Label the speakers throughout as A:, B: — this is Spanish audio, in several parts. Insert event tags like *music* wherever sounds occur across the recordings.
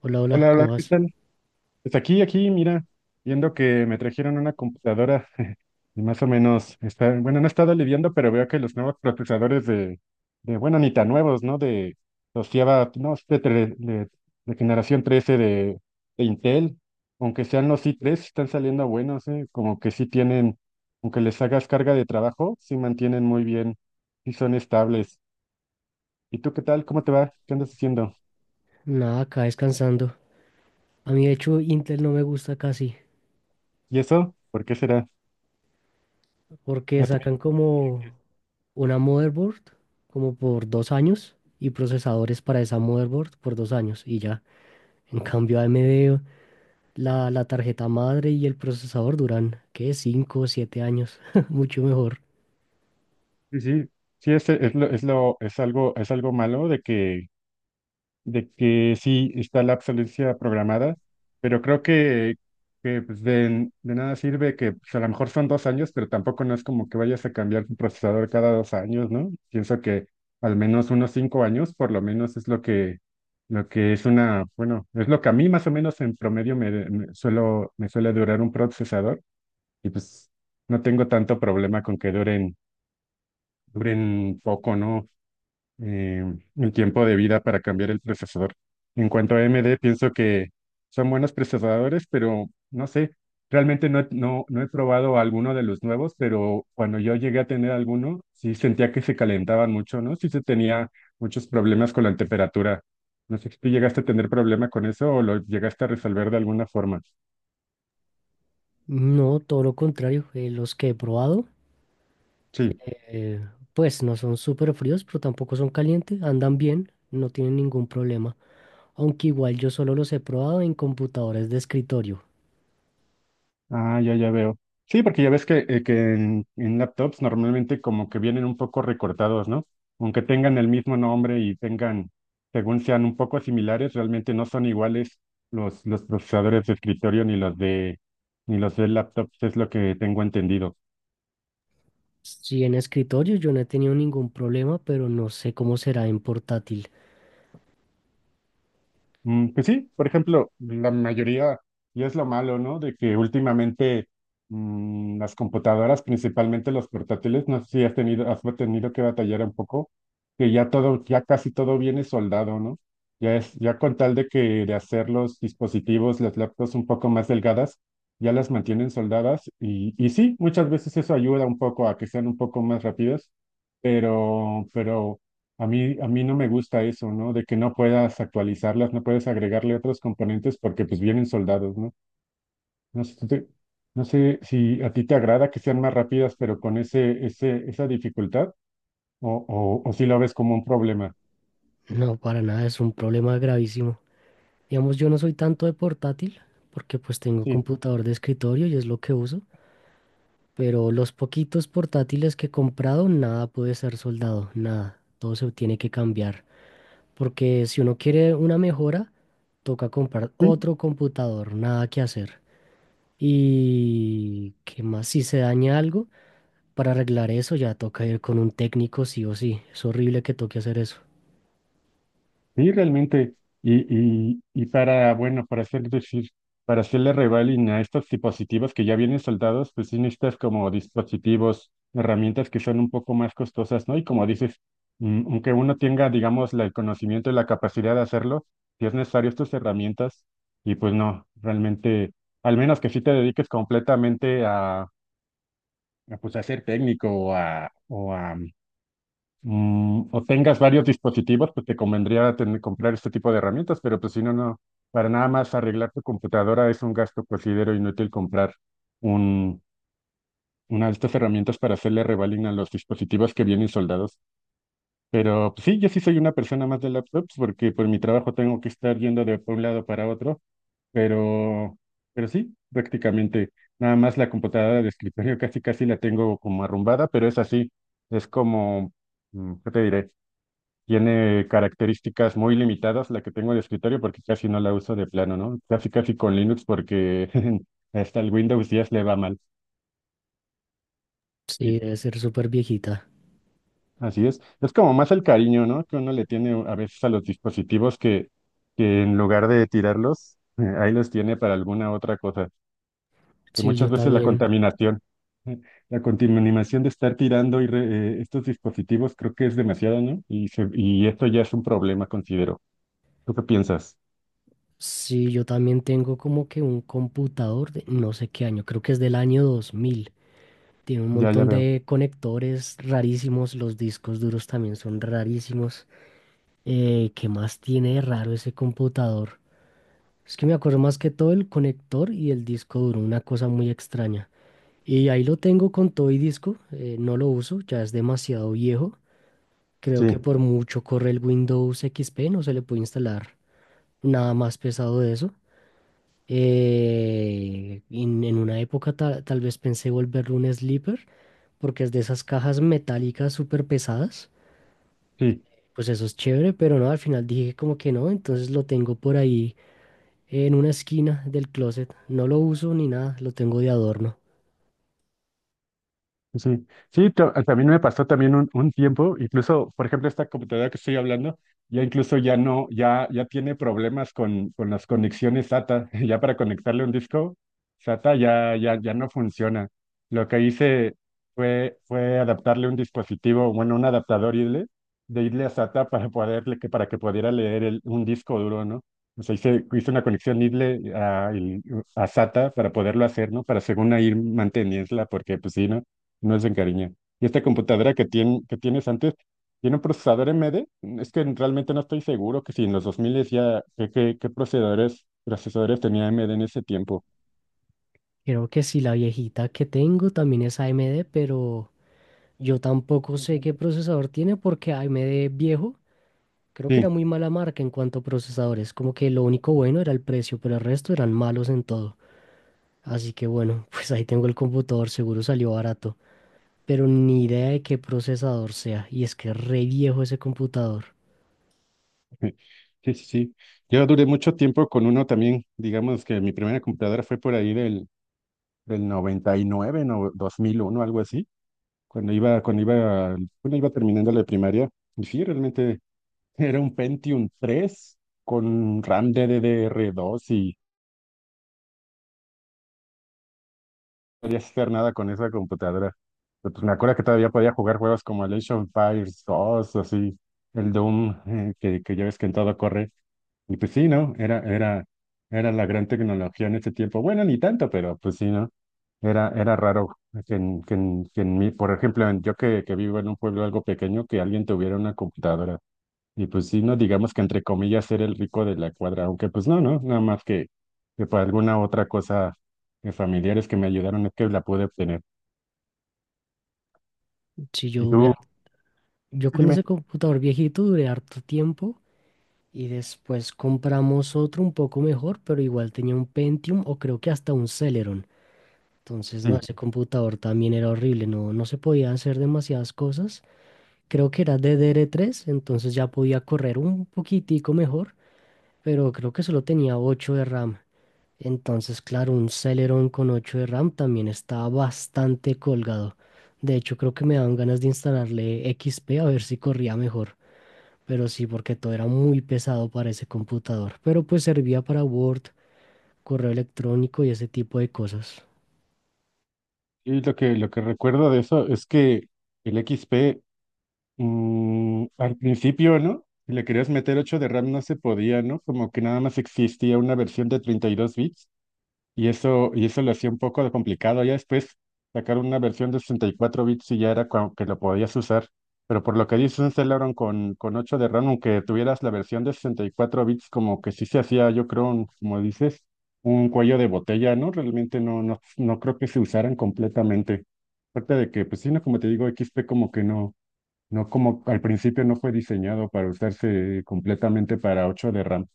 A: Hola, hola,
B: Hola,
A: ¿cómo
B: hola, ¿qué
A: vas?
B: tal? Pues aquí, mira, viendo que me trajeron una computadora *laughs* y más o menos está, bueno, no he estado lidiando, pero veo que los nuevos procesadores de bueno, ni tan nuevos, ¿no? De los Java, no, de generación 13 de Intel, aunque sean los i tres, están saliendo buenos, ¿eh? Como que sí tienen, aunque les hagas carga de trabajo, sí mantienen muy bien, sí son estables. ¿Y tú qué tal? ¿Cómo te va? ¿Qué andas haciendo?
A: Nada, acá descansando. A mí, de hecho, Intel no me gusta casi,
B: ¿Y eso? ¿Por qué será?
A: porque sacan como una motherboard, como por dos años, y procesadores para esa motherboard por dos años, y ya. En cambio, AMD, la tarjeta madre y el procesador duran, ¿qué? Cinco o siete años, *laughs* mucho mejor.
B: Sí, sí, sí, es lo, es lo, es algo malo de que sí está la obsolescencia programada, pero creo que pues de nada sirve que pues, a lo mejor son dos años, pero tampoco no es como que vayas a cambiar tu procesador cada dos años, ¿no? Pienso que al menos unos cinco años, por lo menos es lo que es una, bueno, es lo que a mí más o menos en promedio me suele durar un procesador, y pues no tengo tanto problema con que duren poco, ¿no? eh, el tiempo de vida para cambiar el procesador. En cuanto a AMD, pienso que son buenos procesadores, pero no sé, realmente no he probado alguno de los nuevos, pero cuando yo llegué a tener alguno, sí sentía que se calentaban mucho, ¿no? Sí se tenía muchos problemas con la temperatura. No sé si tú llegaste a tener problema con eso o lo llegaste a resolver de alguna forma.
A: No, todo lo contrario, los que he probado,
B: Sí.
A: eh, pues no son súper fríos, pero tampoco son calientes, andan bien, no tienen ningún problema. Aunque igual yo solo los he probado en computadores de escritorio.
B: Ah, ya, ya veo. Sí, porque ya ves que, en laptops normalmente como que vienen un poco recortados, ¿no? Aunque tengan el mismo nombre y tengan, según sean un poco similares, realmente no son iguales los procesadores de escritorio ni los de laptops, es lo que tengo entendido.
A: Sí, en escritorio yo no he tenido ningún problema, pero no sé cómo será en portátil.
B: Mm, pues sí, por ejemplo, la mayoría, y es lo malo, ¿no? De que últimamente las computadoras, principalmente los portátiles, no sé si has tenido que batallar un poco, que ya todo, ya casi todo viene soldado, ¿no? Ya es, ya con tal de que de hacer los dispositivos, las laptops un poco más delgadas, ya las mantienen soldadas, y sí, muchas veces eso ayuda un poco a que sean un poco más rápidas, pero, pero a mí no me gusta eso, ¿no? De que no puedas actualizarlas, no puedes agregarle otros componentes porque pues vienen soldados, ¿no? No sé, no sé si a ti te agrada que sean más rápidas, pero con esa dificultad, o si lo ves como un problema.
A: No, para nada, es un problema gravísimo. Digamos, yo no soy tanto de portátil, porque pues tengo
B: Sí.
A: computador de escritorio y es lo que uso, pero los poquitos portátiles que he comprado, nada puede ser soldado, nada. Todo se tiene que cambiar, porque si uno quiere una mejora, toca comprar otro computador, nada que hacer. Y qué más, si se daña algo, para arreglar eso ya toca ir con un técnico sí o sí. Es horrible que toque hacer eso.
B: Sí, realmente, y para, bueno, para hacer, decir, para hacerle revaling a estos dispositivos que ya vienen soldados, pues sí necesitas como dispositivos, herramientas que son un poco más costosas, ¿no? Y como dices, aunque uno tenga, digamos, el conocimiento y la capacidad de hacerlo, si es necesario estas herramientas, y pues no, realmente, al menos que sí te dediques completamente a pues a ser técnico o a, o tengas varios dispositivos, pues te convendría comprar este tipo de herramientas, pero pues si no, no, para nada más arreglar tu computadora es un gasto, considero inútil comprar un, una de estas herramientas para hacerle revaling a los dispositivos que vienen soldados. Pero pues, sí, yo sí soy una persona más de laptops porque por mi trabajo tengo que estar yendo de un lado para otro, pero, pero sí, prácticamente nada más la computadora de escritorio casi casi la tengo como arrumbada, pero es así, es como, ¿qué te diré? Tiene características muy limitadas la que tengo de escritorio porque casi no la uso de plano, ¿no? Casi casi con Linux porque *laughs* hasta el Windows 10 le va mal. Y
A: Sí, debe ser súper viejita.
B: así es. Es como más el cariño, ¿no? Que uno le tiene a veces a los dispositivos que en lugar de tirarlos, *laughs* ahí los tiene para alguna otra cosa. Que
A: Sí, yo
B: muchas veces la
A: también.
B: contaminación, *laughs* eh, la contaminación de estar tirando estos dispositivos creo que es demasiada, ¿no? Y esto ya es un problema, considero. ¿Tú qué piensas?
A: Sí, yo también tengo como que un computador de no sé qué año, creo que es del año 2000. Tiene un
B: Ya, ya
A: montón
B: veo.
A: de conectores rarísimos, los discos duros también son rarísimos. ¿Qué más tiene de raro ese computador? Es que me acuerdo más que todo el conector y el disco duro, una cosa muy extraña. Y ahí lo tengo con todo y disco, no lo uso, ya es demasiado viejo. Creo que
B: Sí.
A: por mucho corre el Windows XP, no se le puede instalar nada más pesado de eso. En una época tal vez pensé volverlo un sleeper, porque es de esas cajas metálicas súper pesadas.
B: Sí,
A: Pues eso es chévere, pero no, al final dije como que no, entonces lo tengo por ahí en una esquina del closet. No lo uso ni nada, lo tengo de adorno.
B: sí, sí, también me pasó también un tiempo, incluso, por ejemplo, esta computadora que estoy hablando, ya incluso ya no, ya tiene problemas con las conexiones SATA, *laughs* ya para conectarle un disco SATA ya no funciona. Lo que hice fue adaptarle un dispositivo, bueno, un adaptador IDLE, de IDLE a SATA para poderle, que para que pudiera leer un disco duro, ¿no? O sea, hice una conexión IDLE a, a SATA para poderlo hacer, ¿no? Para según ahí mantenerla, porque pues sí, ¿no? No se encariña. Y esta computadora que, que tienes antes, ¿tiene un procesador AMD? Es que realmente no estoy seguro que si en los 2000 ya, ¿qué procesadores tenía AMD en ese tiempo?
A: Creo que sí, la viejita que tengo también es AMD, pero... Yo
B: Sí,
A: tampoco sé qué procesador tiene porque AMD viejo, creo que era muy
B: *laughs*
A: mala marca en cuanto a procesadores, como que lo único bueno era el precio, pero el resto eran malos en todo. Así que bueno, *laughs* pues ahí tengo el computador, seguro salió barato, pero ni idea de qué procesador sea, y es que es re viejo ese computador.
B: sí, sí, sí. Yo duré mucho tiempo con uno también, digamos que mi primera computadora fue por ahí del 99 no, 2001 algo así, cuando iba, cuando iba, cuando iba terminando la primaria. Y sí, realmente era un Pentium 3 con RAM DDR2, podía hacer nada con esa computadora. Pero, pues me acuerdo que todavía podía jugar juegos como el Age of Empires 2, así, el Doom, que ya ves que en todo corre. Y pues sí, ¿no? Era la gran tecnología en ese tiempo. Bueno, ni tanto, pero pues sí, ¿no? Era raro que en mí, por ejemplo, yo que vivo en un pueblo algo pequeño, que alguien tuviera una computadora. Y pues sí, no digamos que entre comillas ser el rico de la cuadra, aunque pues no, no, nada más que por alguna otra cosa de familiares que me ayudaron es que la pude obtener.
A: Si yo
B: ¿Y
A: duré,
B: tú?
A: har- Yo
B: Sí,
A: con ese
B: dime.
A: computador viejito duré harto tiempo y después compramos otro un poco mejor, pero igual tenía un Pentium o creo que hasta un Celeron. Entonces, no,
B: Sí.
A: ese computador también era horrible, no, no se podía hacer demasiadas cosas. Creo que era DDR3, entonces ya podía correr un poquitico mejor, pero creo que solo tenía 8 de RAM. Entonces, claro, un Celeron con 8 de RAM también estaba bastante colgado. De hecho, creo que me daban ganas de instalarle XP a ver si corría mejor. Pero sí, porque todo era muy pesado para ese computador. Pero pues servía para Word, correo electrónico y ese tipo de cosas.
B: Y lo que recuerdo de eso es que el XP al principio, ¿no? Si le querías meter 8 de RAM no se podía, ¿no? Como que nada más existía una versión de 32 bits. Y eso lo hacía un poco de complicado. Ya después sacaron una versión de 64 bits y ya era como que lo podías usar. Pero por lo que dice un Celeron con 8 de RAM, aunque tuvieras la versión de 64 bits, como que sí se hacía, yo creo, como dices, un cuello de botella, ¿no? Realmente no creo que se usaran completamente. Aparte de que, pues sí, no, como te digo, x p como que no, no como al principio no fue diseñado para usarse completamente para 8 de RAM.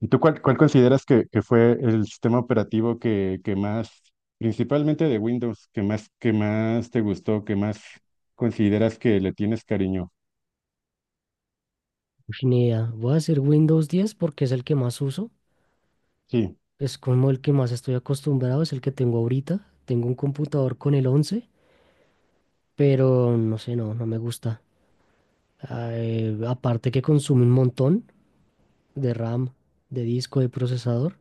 B: ¿Y tú cuál consideras que fue el sistema operativo principalmente de Windows, que más te gustó, que más consideras que le tienes cariño?
A: Ush, ni idea. Voy a decir Windows 10 porque es el que más uso.
B: Sí,
A: Es como el que más estoy acostumbrado, es el que tengo ahorita. Tengo un computador con el 11, pero no sé, no, no me gusta. Aparte que consume un montón de RAM, de disco, de procesador.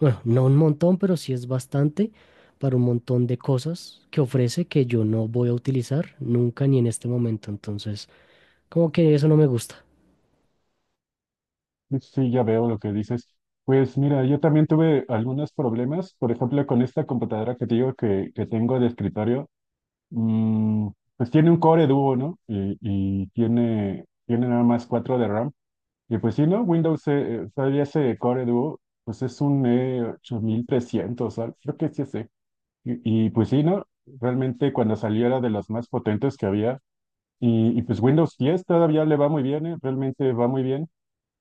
A: Bueno, no un montón, pero sí es bastante para un montón de cosas que ofrece que yo no voy a utilizar nunca ni en este momento. Entonces, como que eso no me gusta.
B: sí, ya veo lo que dices. Pues mira, yo también tuve algunos problemas, por ejemplo, con esta computadora que te digo que tengo de escritorio, mm, pues tiene un Core Duo, ¿no? Y tiene nada más 4 de RAM. Y pues sí, ¿no? Windows, todavía ese Core Duo, pues es un E8300, creo que sí es E. Pues sí, ¿no? Realmente cuando salió era de las más potentes que había. Y pues Windows 10 todavía le va muy bien, ¿eh? Realmente va muy bien.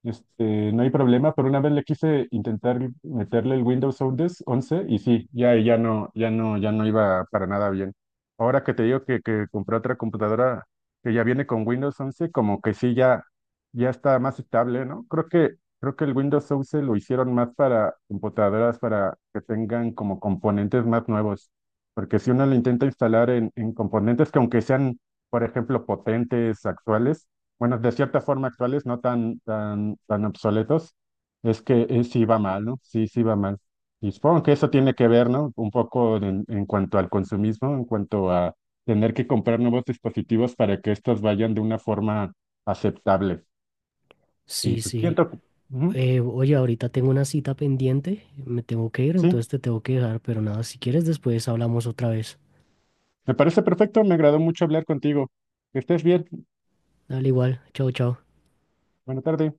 B: Este, no hay problema, pero una vez le quise intentar meterle el Windows 11 y sí, ya no iba para nada bien. Ahora que te digo que compré otra computadora que ya viene con Windows 11, como que sí, ya, ya está más estable, ¿no? Creo que el Windows 11 lo hicieron más para computadoras, para que tengan como componentes más nuevos. Porque si uno lo intenta instalar en componentes que aunque sean, por ejemplo, potentes, actuales, bueno, de cierta forma actuales, no tan, tan, tan obsoletos, es que sí va mal, ¿no? Sí, sí va mal. Y supongo que eso tiene que ver, ¿no? Un poco en cuanto al consumismo, en cuanto a tener que comprar nuevos dispositivos para que estos vayan de una forma aceptable. Y
A: Sí,
B: pues
A: sí.
B: siento que... Ujú,
A: Oye, ahorita tengo una cita pendiente, me tengo que ir,
B: sí,
A: entonces te tengo que dejar, pero nada, si quieres después hablamos otra vez.
B: me parece perfecto, me agradó mucho hablar contigo. Que estés bien.
A: Dale igual, chao, chao.
B: Buena tarde.